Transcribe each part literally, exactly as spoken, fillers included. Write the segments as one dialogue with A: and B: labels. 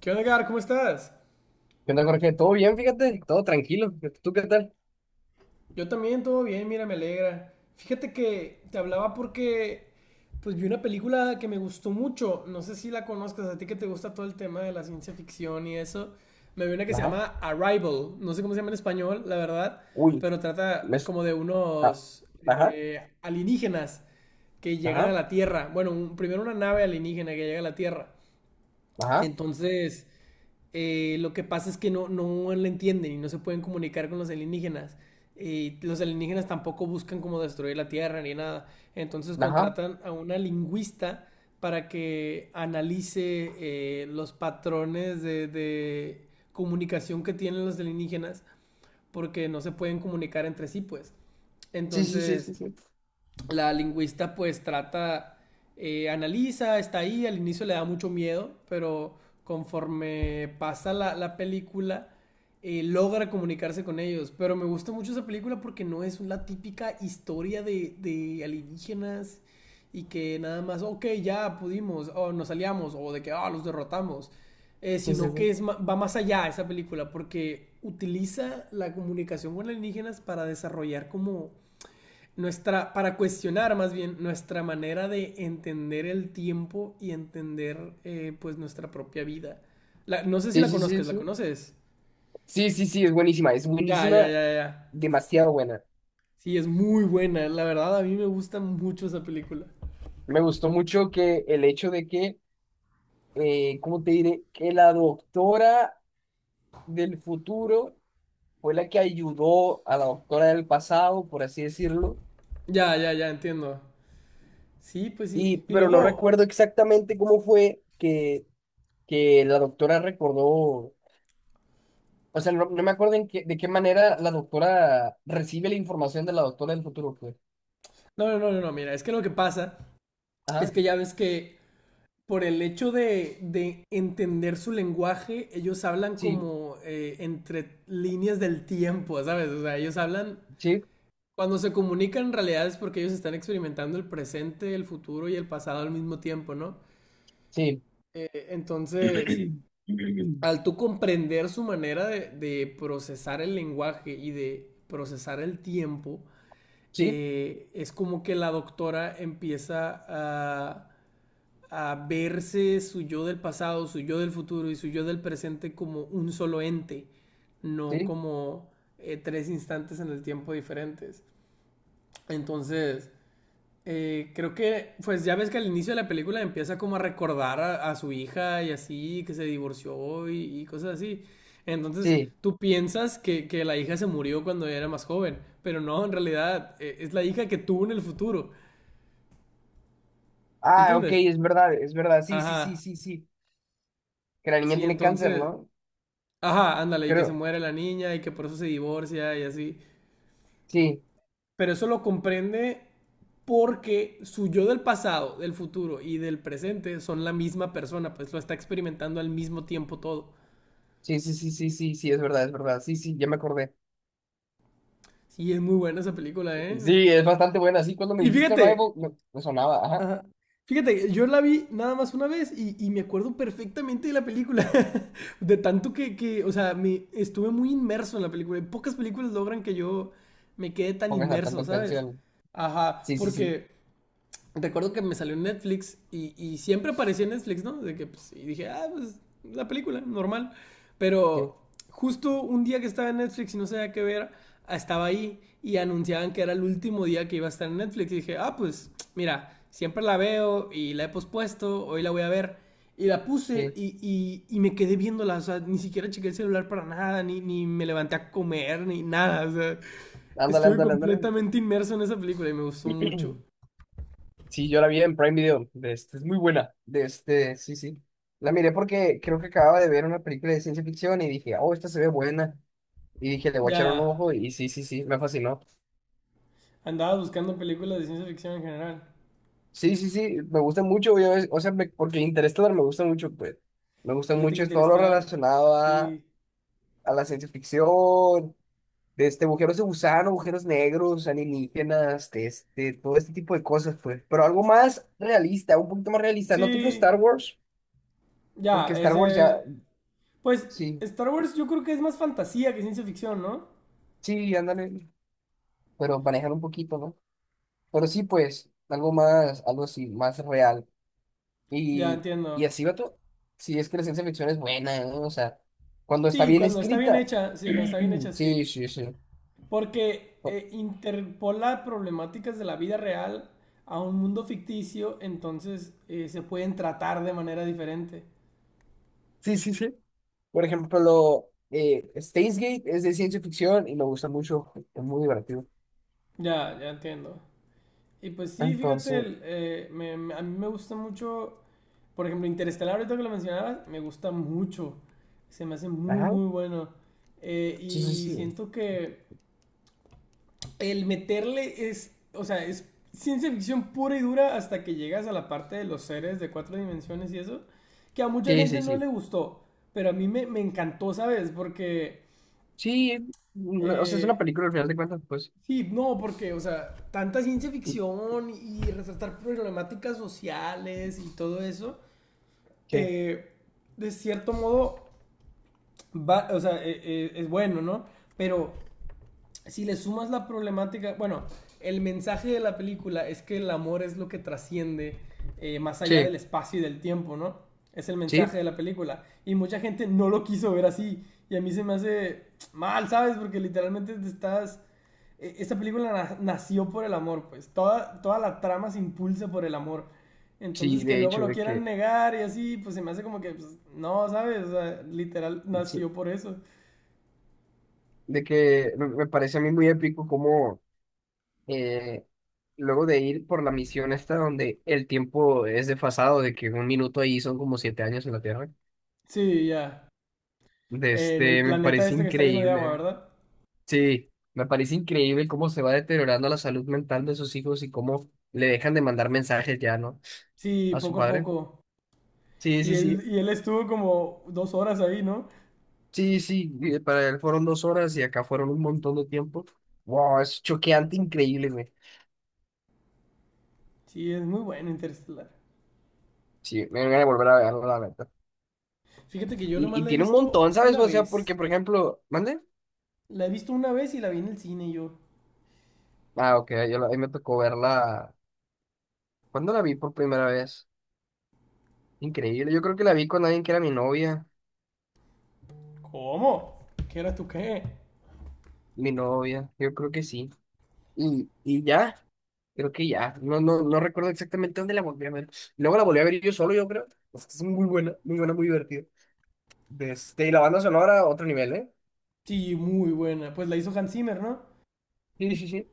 A: ¿Qué onda, Edgar? ¿Cómo estás?
B: ¿Qué onda, Jorge? ¿Todo bien? Fíjate, todo tranquilo. ¿Tú qué tal?
A: Yo también, todo bien, mira, me alegra. Fíjate que te hablaba porque pues vi una película que me gustó mucho. No sé si la conozcas, a ti que te gusta todo el tema de la ciencia ficción y eso. Me vi una que se
B: Ajá.
A: llama Arrival. No sé cómo se llama en español, la verdad,
B: Uy,
A: pero
B: me...
A: trata
B: s-
A: como de
B: ah,
A: unos
B: Ajá,
A: eh, alienígenas que llegan a
B: ajá,
A: la Tierra. Bueno, un- primero una nave alienígena que llega a la Tierra.
B: ajá,
A: Entonces, Eh, lo que pasa es que no, no la entienden y no se pueden comunicar con los alienígenas. Y los alienígenas tampoco buscan como destruir la Tierra ni nada. Entonces
B: ajá.
A: contratan a una lingüista para que analice eh, los patrones de, de comunicación que tienen los alienígenas porque no se pueden comunicar entre sí, pues.
B: Sí, sí, sí,
A: Entonces,
B: sí, sí.
A: la lingüista pues trata, eh, analiza, está ahí, al inicio le da mucho miedo, pero conforme pasa la, la película, eh, logra comunicarse con ellos. Pero me gusta mucho esa película porque no es la típica historia de, de alienígenas y que nada más, ok, ya pudimos, o nos aliamos, o de que, ah, oh, los derrotamos. Eh,
B: Sí, sí,
A: sino que
B: sí.
A: es ma- va más allá esa película porque utiliza la comunicación con alienígenas para desarrollar como nuestra, para cuestionar más bien nuestra manera de entender el tiempo y entender eh, pues nuestra propia vida. La, no sé si
B: Sí,
A: la
B: sí, sí,
A: conozcas, ¿la
B: sí.
A: conoces?
B: Sí, sí, sí, es buenísima. Es
A: Ya, ya,
B: buenísima,
A: ya, ya.
B: demasiado buena.
A: Sí, es muy buena, la verdad a mí me gusta mucho esa película.
B: Me gustó mucho que el hecho de que, eh, ¿cómo te diré? Que la doctora del futuro fue la que ayudó a la doctora del pasado, por así decirlo.
A: Ya, ya, ya, entiendo. Sí, pues sí.
B: Y,
A: Y
B: pero no
A: luego,
B: recuerdo exactamente cómo fue que, que la doctora recordó. O sea, no, no me acuerdo en qué- de qué manera la doctora recibe la información de la doctora del futuro, pues.
A: no, no, no, no, no, mira, es que lo que pasa es
B: Ajá,
A: que ya ves que por el hecho de, de entender su lenguaje, ellos hablan
B: sí,
A: como eh, entre líneas del tiempo, ¿sabes? O sea, ellos hablan.
B: sí,
A: Cuando se comunican en realidad es porque ellos están experimentando el presente, el futuro y el pasado al mismo tiempo, ¿no?
B: sí.
A: Eh, Entonces, al tú comprender su manera de, de procesar el lenguaje y de procesar el tiempo,
B: Sí,
A: eh, es como que la doctora empieza a, a verse su yo del pasado, su yo del futuro y su yo del presente como un solo ente, no
B: sí,
A: como eh, tres instantes en el tiempo diferentes. Entonces, Eh, creo que, pues ya ves que al inicio de la película empieza como a recordar a, a su hija y así, que se divorció y, y cosas así. Entonces,
B: sí.
A: tú piensas que, que la hija se murió cuando era más joven, pero no, en realidad eh, es la hija que tuvo en el futuro,
B: Ah, ok,
A: ¿entiendes?
B: es verdad, es verdad. Sí, sí, sí,
A: Ajá,
B: sí, sí. Que la niña
A: sí,
B: tiene cáncer,
A: entonces,
B: ¿no?
A: ajá, ándale, y que se
B: Creo.
A: muere la niña y que por eso se divorcia y así.
B: Sí,
A: Pero eso lo comprende porque su yo del pasado, del futuro y del presente son la misma persona, pues lo está experimentando al mismo tiempo todo.
B: sí, sí, sí, sí, sí, sí, es verdad, es verdad. Sí, sí, ya me acordé.
A: Sí, es muy buena esa película, ¿eh?
B: Sí, es bastante buena. Sí, cuando me
A: Y
B: dijiste
A: fíjate,
B: Rival, me, me sonaba. Ajá,
A: ajá, fíjate, yo la vi nada más una vez y, y me acuerdo perfectamente de la película, de tanto que, que, o sea, me, estuve muy inmerso en la película. Pocas películas logran que yo me quede tan
B: póngase tanta
A: inmerso, ¿sabes?
B: atención.
A: Ajá,
B: Sí, sí, sí,
A: porque recuerdo que me salió en Netflix y, y siempre aparecía en Netflix, ¿no? De que, pues, y dije, ah, pues, la película, normal.
B: sí,
A: Pero justo un día que estaba en Netflix y no sabía qué ver, estaba ahí y anunciaban que era el último día que iba a estar en Netflix. Y dije, ah, pues, mira, siempre la veo y la he pospuesto, hoy la voy a ver. Y la puse
B: sí.
A: y, y, y me quedé viéndola, o sea, ni siquiera chequé el celular para nada, ni, ni me levanté a comer, ni nada, o sea,
B: Ándale,
A: estuve
B: ándale, ándale.
A: completamente inmerso en esa película y me gustó mucho.
B: Sí, yo la vi en Prime Video. De este, es muy buena. De este, sí, sí. La miré porque creo que acababa de ver una película de ciencia ficción y dije, oh, esta se ve buena. Y dije, le voy a echar un
A: Ya,
B: ojo y sí, sí, sí, me fascinó.
A: andabas buscando películas de ciencia ficción en general.
B: Sí, sí, sí, me gusta mucho, yo es- o sea, me- porque Interestelar me gusta mucho, pues. Me gusta
A: Fíjate que
B: mucho es todo lo
A: Interestelar,
B: relacionado a,
A: sí.
B: a la ciencia ficción, de este, agujeros de gusano, agujeros negros, alienígenas, de este, todo este tipo de cosas, pues. Pero algo más realista, un poquito más realista, no tipo
A: Sí,
B: Star Wars,
A: ya,
B: porque Star Wars ya...
A: ese. Pues
B: Sí,
A: Star Wars yo creo que es más fantasía que ciencia ficción, ¿no?
B: Sí, ándale, pero manejar un poquito, ¿no? Pero sí, pues, algo más, algo así, más real.
A: Ya
B: Y,
A: entiendo.
B: y así va todo. Sí, es que la ciencia ficción es buena, ¿no? O sea, cuando está
A: Sí,
B: bien
A: cuando está bien
B: escrita.
A: hecha, sí, cuando está bien hecha,
B: Sí,
A: sí.
B: sí, sí.
A: Porque
B: Por-
A: eh, interpola problemáticas de la vida real a un mundo ficticio, entonces eh, se pueden tratar de manera diferente.
B: Sí, sí, sí. Por ejemplo, eh, Steins Gate es de ciencia ficción y me gusta mucho, es muy divertido.
A: Ya, ya entiendo. Y pues sí, fíjate,
B: Entonces,
A: el, eh, me- me- a mí me gusta mucho, por ejemplo, Interestelar, ahorita que lo mencionabas, me gusta mucho, se me hace muy,
B: ajá,
A: muy bueno. Eh,
B: sí, sí,
A: y
B: sí.
A: siento que el meterle es, o sea, es ciencia ficción pura y dura hasta que llegas a la parte de los seres de cuatro dimensiones y eso, que a mucha
B: Sí,
A: gente
B: sí,
A: no le
B: sí.
A: gustó, pero a mí me, me encantó, ¿sabes? Porque
B: Sí, mm, o sea, es una
A: eh,
B: película al final de cuentas, pues.
A: sí, no, porque, o sea, tanta ciencia ficción y resaltar problemáticas sociales y todo eso,
B: ¿Qué?
A: eh, de cierto modo, va, o sea, eh, eh, es bueno, ¿no? Pero si le sumas la problemática, bueno, el mensaje de la película es que el amor es lo que trasciende eh, más allá del
B: Sí,
A: espacio y del tiempo, ¿no? Es el mensaje
B: sí,
A: de la película. Y mucha gente no lo quiso ver así. Y a mí se me hace mal, ¿sabes? Porque literalmente te estás… eh, Esta película na- nació por el amor, pues. Toda, toda la trama se impulsa por el amor.
B: sí,
A: Entonces que
B: de
A: luego
B: hecho,
A: lo
B: de
A: quieran
B: que
A: negar y así, pues se me hace como que, pues, no, ¿sabes? O sea, literal
B: Sí,
A: nació por eso.
B: de que me me parece a mí muy épico como eh, luego de ir por la misión esta donde el tiempo es desfasado, de que un minuto ahí son como siete años en la Tierra,
A: Sí, ya.
B: de
A: En el
B: este, me
A: planeta
B: parece
A: este que está lleno de agua,
B: increíble.
A: ¿verdad?
B: Sí, me parece increíble cómo se va deteriorando la salud mental de sus hijos y cómo le dejan de mandar mensajes ya, ¿no?
A: Sí,
B: A su
A: poco a
B: padre.
A: poco.
B: Sí,
A: Y
B: sí,
A: él,
B: sí.
A: y él estuvo como dos horas ahí, ¿no?
B: Sí, sí, eh, para él fueron dos horas y acá fueron un montón de tiempo. Wow, es choqueante, increíble, güey.
A: Sí, es muy bueno Interstellar.
B: Sí, me voy a volver a verlo, la verdad.
A: Fíjate que yo
B: Y,
A: nomás
B: y
A: la he
B: tiene un
A: visto
B: montón, ¿sabes?
A: una
B: O sea,
A: vez.
B: porque, por ejemplo, ¿mande?
A: La he visto una vez y la vi en el cine y yo.
B: Ah, ok, yo la- a mí me tocó verla. ¿Cuándo la vi por primera vez? Increíble, yo creo que la vi con alguien que era mi novia,
A: ¿Cómo? ¿Qué eras tú qué?
B: mi novia, yo creo que sí. Y, y ya, creo que ya, no, no, no recuerdo exactamente dónde la volví a ver. Luego la volví a ver yo solo, yo creo. Es que es muy buena, muy buena, muy divertida. De Este, y la banda sonora, otro nivel, ¿eh?
A: Sí, muy buena. Pues la hizo Hans Zimmer, ¿no?
B: Sí, sí, sí.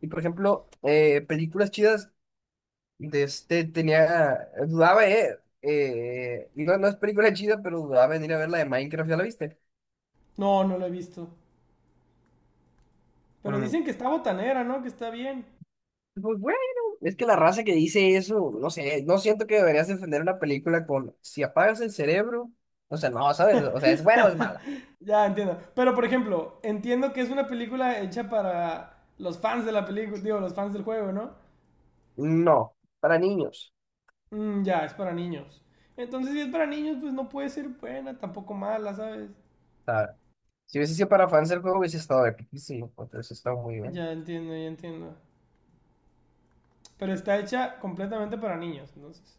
B: Y por ejemplo, eh, películas chidas. De este tenía, dudaba, eh, eh, no, no es película chida, pero dudaba en ir a ver la de Minecraft, ¿ya la viste?
A: No, no la he visto. Pero
B: Mm,
A: dicen que está botanera, ¿no? Que está bien.
B: pues bueno, es que la raza que dice eso, no sé, no siento que deberías defender una película con, si apagas el cerebro, o sea, no, ¿sabes? O sea, ¿es buena o es mala?
A: ya entiendo. Pero por ejemplo, entiendo que es una película hecha para los fans de la película, digo, los fans del juego, ¿no?
B: No, para niños,
A: Mm, ya, es para niños. Entonces, si es para niños, pues no puede ser buena, tampoco mala, ¿sabes?
B: ¿sabes? Si hubiese sido para fans del juego, hubiese estado epiquísimo, entonces está muy bien.
A: Ya entiendo, ya entiendo. Pero está hecha completamente para niños, entonces.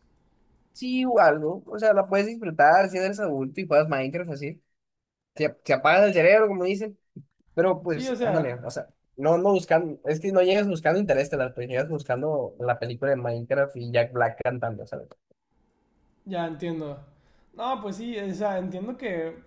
B: Sí, o algo, o sea, la puedes disfrutar si eres adulto y juegas Minecraft así. Si, si apagas el cerebro, como dicen. Pero
A: Sí, o
B: pues, ándale,
A: sea,
B: o sea, no, no buscando, es que no llegas buscando Interestelar, pues llegas buscando la película de Minecraft y Jack Black cantando, ¿sabes?
A: ya entiendo. No, pues sí, o sea, entiendo que,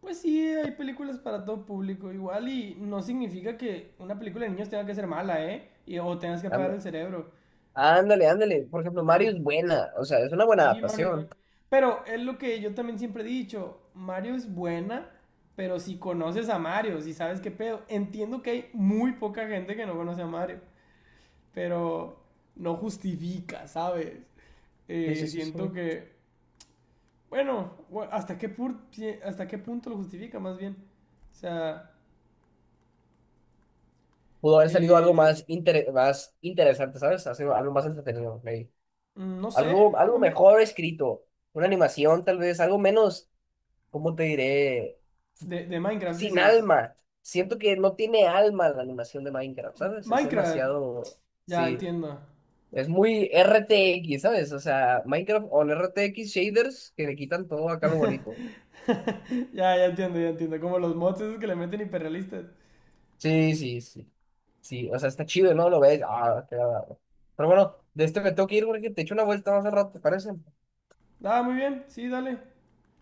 A: pues sí, hay películas para todo público igual y no significa que una película de niños tenga que ser mala, ¿eh? Y, o tengas que apagar
B: Ándale,
A: el cerebro.
B: ándale, ándale.
A: Porque,
B: Por ejemplo, Mario
A: ajá.
B: es buena, o sea, es una buena
A: Sí, Mario es bueno.
B: adaptación.
A: Pero es lo que yo también siempre he dicho, Mario es buena, pero si conoces a Mario, si sabes qué pedo, entiendo que hay muy poca gente que no conoce a Mario, pero no justifica, ¿sabes?
B: Sí, sí,
A: Eh,
B: sí, sí.
A: siento que, bueno, bu- ¿hasta qué, pur- si- hasta qué punto lo justifica más bien? O sea,
B: Pudo haber salido algo
A: eh,
B: más, inter- más interesante, ¿sabes? Hacer algo más entretenido, maybe.
A: mm, no sé,
B: Algo, algo
A: a mí…
B: mejor escrito, una animación tal vez, algo menos, ¿cómo te diré?
A: De, de Minecraft
B: Sin
A: dices.
B: alma. Siento que no tiene alma la animación de Minecraft, ¿sabes? Es
A: Minecraft,
B: demasiado...
A: ya
B: Sí,
A: entiendo.
B: es muy R T X, ¿sabes? O sea, Minecraft on R T X shaders que le quitan todo acá lo bonito.
A: ya, ya entiendo, ya entiendo. Como los mods esos que le meten hiperrealistas.
B: Sí, sí, sí. Sí, o sea, está chido, ¿no? Lo ves. Ah, qué agradable. Pero bueno, de este me tengo que ir porque te echo una vuelta más al rato, ¿te parece?
A: Ah, muy bien. Sí, dale.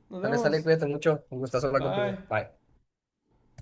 A: Nos
B: Dale, sale,
A: vemos.
B: cuídate mucho. Un gustazo hablar
A: Bye.
B: contigo. Bye.